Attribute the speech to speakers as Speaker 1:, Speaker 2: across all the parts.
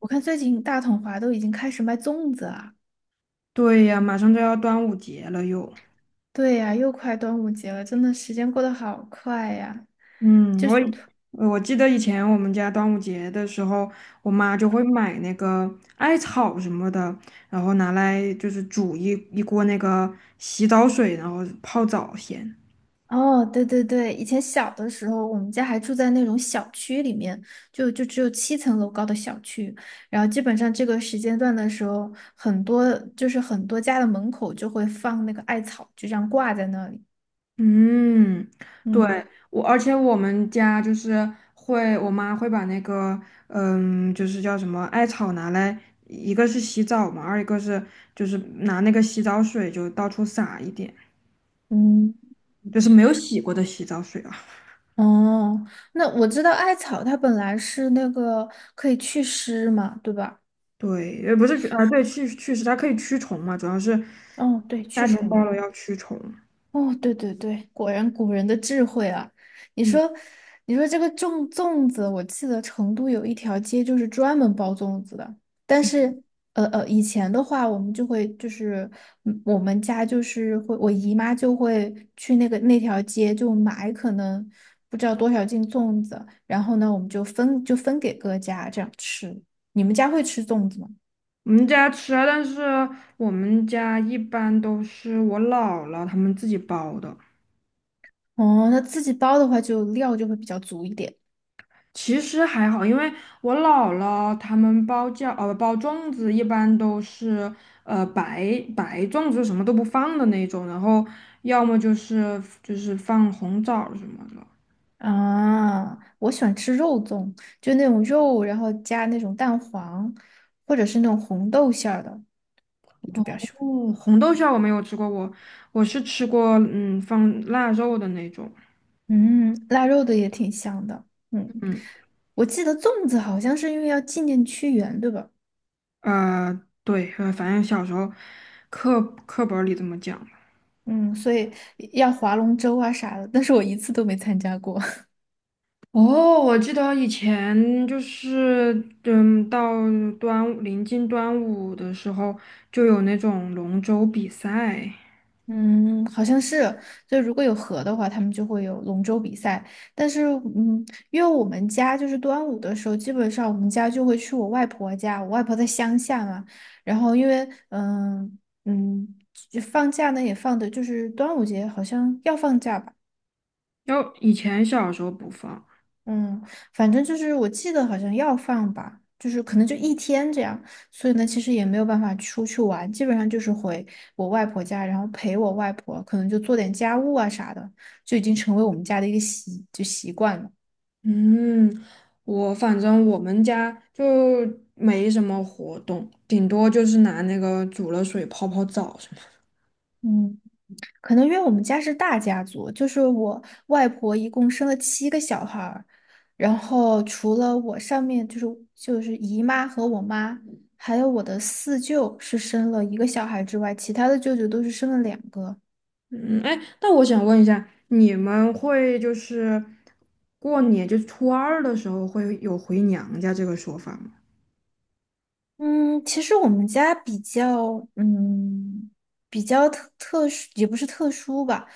Speaker 1: 我看最近大统华都已经开始卖粽子了。
Speaker 2: 对呀，马上就要端午节了又。
Speaker 1: 对呀，又快端午节了，真的时间过得好快呀。
Speaker 2: 嗯，
Speaker 1: 就
Speaker 2: 我
Speaker 1: 是，
Speaker 2: 以我记得以前我们家端午节的时候，我妈就会买那个艾草什么的，然后拿来就是煮一锅那个洗澡水，然后泡澡先。
Speaker 1: 哦，对对对，以前小的时候，我们家还住在那种小区里面，就只有7层楼高的小区，然后基本上这个时间段的时候，很多家的门口就会放那个艾草，就这样挂在那里。
Speaker 2: 嗯，对，
Speaker 1: 嗯
Speaker 2: 而且我们家就是会，我妈会把那个，嗯，就是叫什么艾草拿来，一个是洗澡嘛，二一个是就是拿那个洗澡水就到处撒一点。
Speaker 1: 嗯。
Speaker 2: 就是没有洗过的洗澡水啊。
Speaker 1: 哦，那我知道艾草它本来是那个可以祛湿嘛，对吧？
Speaker 2: 对，也不是去啊，对，去湿，它可以驱虫嘛，主要是
Speaker 1: 哦，对，
Speaker 2: 夏
Speaker 1: 驱
Speaker 2: 天到
Speaker 1: 虫。
Speaker 2: 了要驱虫。
Speaker 1: 哦，对对对，果然古人的智慧啊！你
Speaker 2: 嗯，
Speaker 1: 说，你说这个粽子，我记得成都有一条街就是专门包粽子的。但是，以前的话，我们就会就是，我们家就是会，我姨妈就会去那条街就买可能不知道多少斤粽子，然后呢，我们就分给各家这样吃。你们家会吃粽子吗？
Speaker 2: 我们家吃啊，但是我们家一般都是我姥姥他们自己包的。
Speaker 1: 哦，那自己包的话，就料就会比较足一点。
Speaker 2: 其实还好，因为我姥姥他们包粽子一般都是白粽子，什么都不放的那种，然后要么就是放红枣什么的。
Speaker 1: 啊，我喜欢吃肉粽，就那种肉，然后加那种蛋黄，或者是那种红豆馅儿的，我就比较喜欢。
Speaker 2: 哦，红豆馅儿我没有吃过，我是吃过，嗯，放腊肉的那种。
Speaker 1: 嗯，腊肉的也挺香的。嗯，
Speaker 2: 嗯，
Speaker 1: 我记得粽子好像是因为要纪念屈原，对吧？
Speaker 2: 对，反正小时候课课本儿里这么讲吧。
Speaker 1: 嗯，所以要划龙舟啊啥的，但是我一次都没参加过。
Speaker 2: 哦，我记得以前就是，嗯，到临近端午的时候，就有那种龙舟比赛，
Speaker 1: 嗯，好像是，就如果有河的话，他们就会有龙舟比赛。但是，嗯，因为我们家就是端午的时候，基本上我们家就会去我外婆家，我外婆在乡下嘛。然后，因为，嗯，就放假呢也放的，就是端午节好像要放假吧。
Speaker 2: 要以前小时候不放。
Speaker 1: 嗯，反正就是我记得好像要放吧，就是可能就一天这样，所以呢，其实也没有办法出去玩，基本上就是回我外婆家，然后陪我外婆，可能就做点家务啊啥的，就已经成为我们家的一个习惯了。
Speaker 2: 嗯，我反正我们家就没什么活动，顶多就是拿那个煮了水泡泡澡什么的。
Speaker 1: 嗯，可能因为我们家是大家族，就是我外婆一共生了7个小孩儿，然后除了我上面就是姨妈和我妈。还有我的四舅是生了一个小孩之外，其他的舅舅都是生了两个。
Speaker 2: 嗯，哎，那我想问一下，你们会就是过年，就是初二的时候会有回娘家这个说法吗？
Speaker 1: 嗯，其实我们家比较，嗯，比较特殊，也不是特殊吧，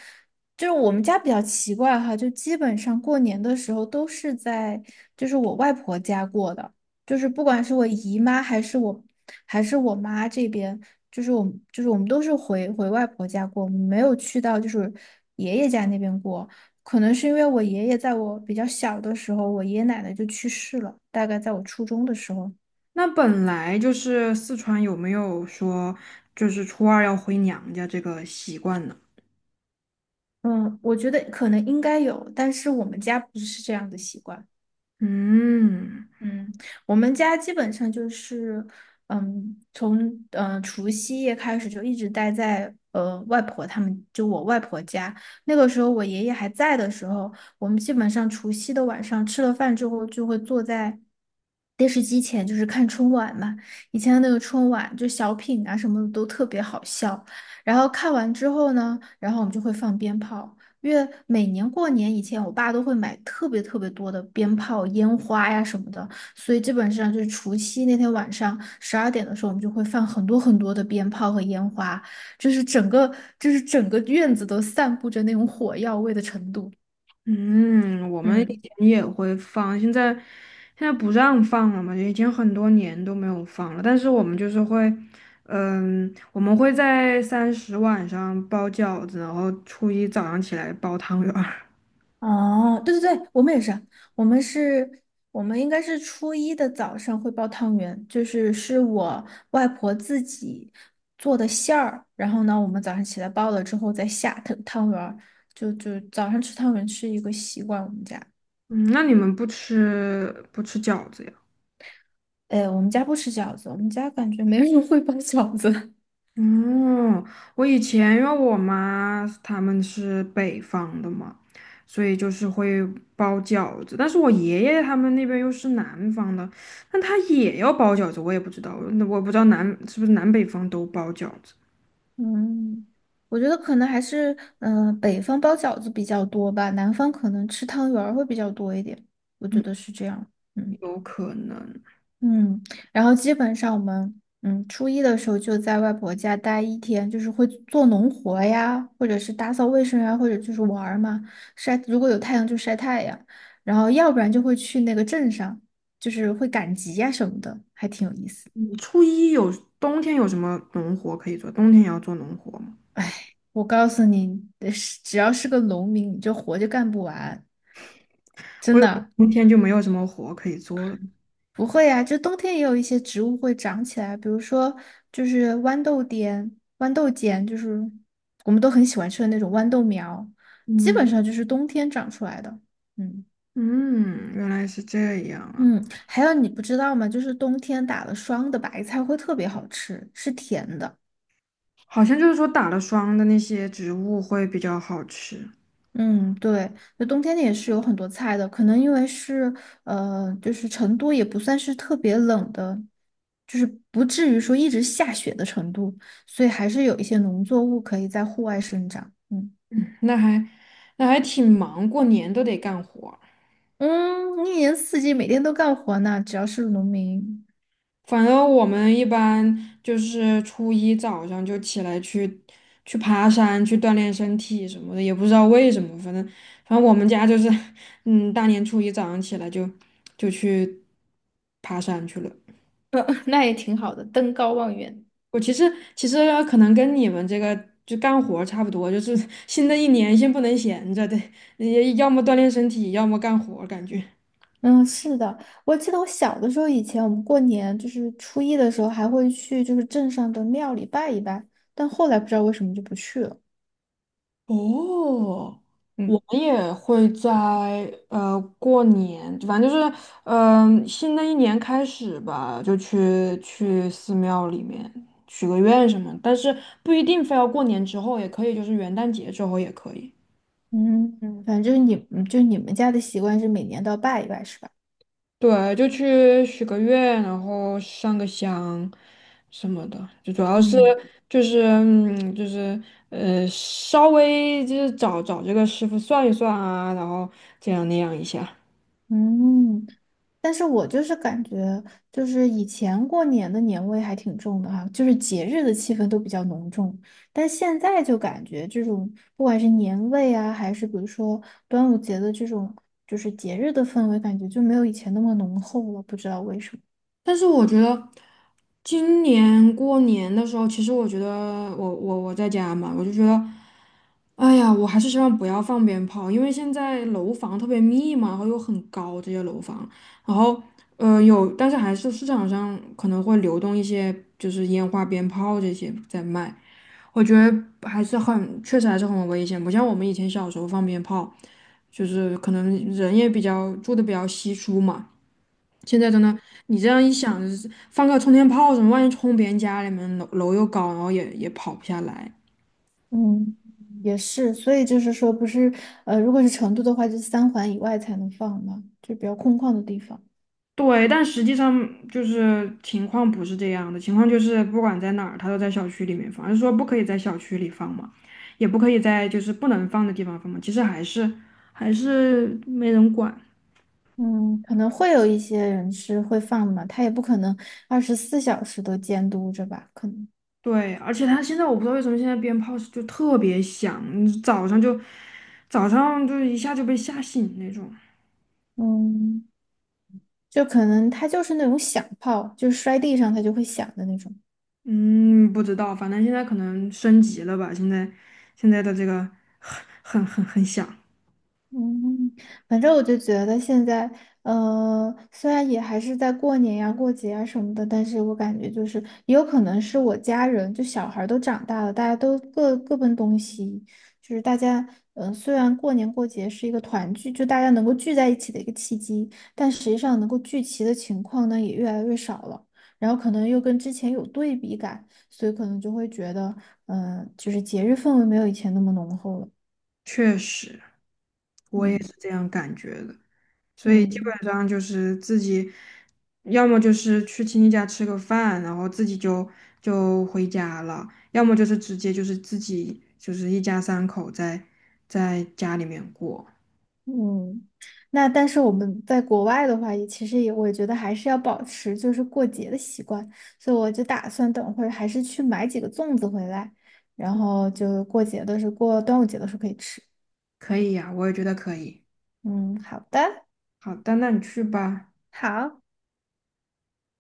Speaker 1: 就是我们家比较奇怪哈，就基本上过年的时候都是在，就是我外婆家过的，就是不管是我姨妈还是我，还是我妈这边，我们都是回外婆家过，没有去到就是爷爷家那边过，可能是因为我爷爷在我比较小的时候，我爷爷奶奶就去世了，大概在我初中的时候。
Speaker 2: 那本来就是四川有没有说就是初二要回娘家这个习惯呢？
Speaker 1: 嗯，我觉得可能应该有，但是我们家不是这样的习惯。
Speaker 2: 嗯。
Speaker 1: 嗯，我们家基本上就是，从除夕夜开始就一直待在外婆他们，就我外婆家。那个时候我爷爷还在的时候，我们基本上除夕的晚上吃了饭之后，就会坐在电视机前，就是看春晚嘛。以前的那个春晚就小品啊什么的都特别好笑。然后看完之后呢，然后我们就会放鞭炮。因为每年过年以前，我爸都会买特别特别多的鞭炮、烟花呀什么的。所以基本上就是除夕那天晚上12点的时候，我们就会放很多很多的鞭炮和烟花，就是整个整个院子都散布着那种火药味的程度。
Speaker 2: 嗯，我们以
Speaker 1: 嗯，
Speaker 2: 前也会放，现在不让放了嘛，已经很多年都没有放了。但是我们就是会，嗯，我们会在三十晚上包饺子，然后初一早上起来包汤圆儿。
Speaker 1: 哦，对对对，我们也是，我们是，我们应该是初一的早上会包汤圆，就是我外婆自己做的馅儿，然后呢，我们早上起来包了之后再下汤圆儿，就早上吃汤圆是一个习惯，我们家。
Speaker 2: 嗯，那你们不吃饺子呀？
Speaker 1: 哎，我们家不吃饺子，我们家感觉没人会包饺子。
Speaker 2: 嗯，我以前因为我妈他们是北方的嘛，所以就是会包饺子。但是我爷爷他们那边又是南方的，那他也要包饺子，我也不知道，那我不知道南是不是南北方都包饺子。
Speaker 1: 嗯，我觉得可能还是北方包饺子比较多吧，南方可能吃汤圆儿会比较多一点，我觉得是这样。嗯嗯，然后基本上我们初一的时候就在外婆家待一天，就是会做农活呀，或者是打扫卫生呀，或者就是玩儿嘛，晒，如果有太阳就晒太阳，然后要不然就会去那个镇上，就是会赶集呀什么的，还挺有意思。
Speaker 2: 嗯初一有冬天有什么农活可以做？冬天也要做农活吗？
Speaker 1: 我告诉你，是只要是个农民，你这活就干不完，
Speaker 2: 我
Speaker 1: 真
Speaker 2: 以为
Speaker 1: 的
Speaker 2: 冬天就没有什么活可以做了。
Speaker 1: 不会呀、就冬天也有一些植物会长起来，比如说就是豌豆尖，就是我们都很喜欢吃的那种豌豆苗，基
Speaker 2: 嗯
Speaker 1: 本上就是冬天长出来的。嗯
Speaker 2: 嗯，原来是这样啊。
Speaker 1: 嗯，还有你不知道吗？就是冬天打了霜的白菜会特别好吃，是甜的。
Speaker 2: 好像就是说打了霜的那些植物会比较好吃。
Speaker 1: 嗯，对，那冬天也是有很多菜的，可能因为是就是成都也不算是特别冷的，就是不至于说一直下雪的程度，所以还是有一些农作物可以在户外生长。嗯
Speaker 2: 嗯那还那还挺忙，过年都得干活儿。
Speaker 1: 嗯，一年四季每天都干活呢，只要是农民。
Speaker 2: 反正我们一般就是初一早上就起来去爬山，去锻炼身体什么的，也不知道为什么，反正我们家就是，嗯，大年初一早上起来就去爬山去了。
Speaker 1: 那也挺好的，登高望远。
Speaker 2: 我其实其实可能跟你们这个就干活儿差不多，就是新的一年先不能闲着，得也要么锻炼身体，要么干活儿感觉。
Speaker 1: 嗯，是的，我记得我小的时候，以前我们过年就是初一的时候还会去就是镇上的庙里拜一拜，但后来不知道为什么就不去了。
Speaker 2: 哦，
Speaker 1: 嗯。
Speaker 2: 我们也会在过年，反正就是新的一年开始吧，就去寺庙里面许个愿什么，但是不一定非要过年之后，也可以就是元旦节之后也可以。
Speaker 1: 嗯，反正你就你们家的习惯是每年都要拜一拜，是吧？
Speaker 2: 对，就去许个愿，然后上个香什么的，就主要是
Speaker 1: 嗯
Speaker 2: 就是嗯就是稍微就是找找这个师傅算一算啊，然后这样那样一下。
Speaker 1: 嗯，但是我就是感觉，就是以前过年的年味还挺重的哈，就是节日的气氛都比较浓重，但现在就感觉这种不管是年味啊，还是比如说端午节的这种就是节日的氛围，感觉就没有以前那么浓厚了，不知道为什么。
Speaker 2: 但是我觉得今年过年的时候，其实我觉得我在家嘛，我就觉得，哎呀，我还是希望不要放鞭炮，因为现在楼房特别密嘛，然后又很高这些楼房，然后但是还是市场上可能会流动一些就是烟花鞭炮这些在卖，我觉得还是很，确实还是很危险，不像我们以前小时候放鞭炮，就是可能人也比较住的比较稀疏嘛。现在真的，你这样一想，就是放个冲天炮什么，万一冲别人家里面楼又高，然后也跑不下来。
Speaker 1: 嗯，也是，所以就是说，不是如果是成都的话，就是三环以外才能放嘛，就比较空旷的地方。
Speaker 2: 对，但实际上就是情况不是这样的，情况就是不管在哪儿，它都在小区里面放，就是说不可以在小区里放嘛，也不可以在就是不能放的地方放嘛，其实还是没人管。
Speaker 1: 嗯，可能会有一些人是会放嘛，他也不可能24小时都监督着吧，可能，
Speaker 2: 对，而且他现在我不知道为什么现在鞭炮是就特别响，你早上就一下就被吓醒那种。
Speaker 1: 嗯，就可能他就是那种响炮，就是摔地上他就会响的那种。
Speaker 2: 嗯，不知道，反正现在可能升级了吧？现在的这个很很响。
Speaker 1: 嗯，反正我就觉得现在，虽然也还是在过年呀、过节啊什么的，但是我感觉就是也有可能是我家人，就小孩儿都长大了，大家都各奔东西，就是大家，虽然过年过节是一个团聚，就大家能够聚在一起的一个契机，但实际上能够聚齐的情况呢也越来越少了，然后可能又跟之前有对比感，所以可能就会觉得，就是节日氛围没有以前那么浓厚了，
Speaker 2: 确实，我也
Speaker 1: 嗯
Speaker 2: 是这样感觉的。所以基
Speaker 1: 嗯。
Speaker 2: 本上就是自己，要么就是去亲戚家吃个饭，然后自己就就回家了；要么就是直接就是自己就是一家三口在家里面过。
Speaker 1: 嗯，那但是我们在国外的话，也其实也我觉得还是要保持就是过节的习惯，所以我就打算等会儿还是去买几个粽子回来，然后就过节的时候，过端午节的时候可以吃。
Speaker 2: 可以呀，我也觉得可以。
Speaker 1: 嗯，好的，
Speaker 2: 好的，那你去吧。
Speaker 1: 好。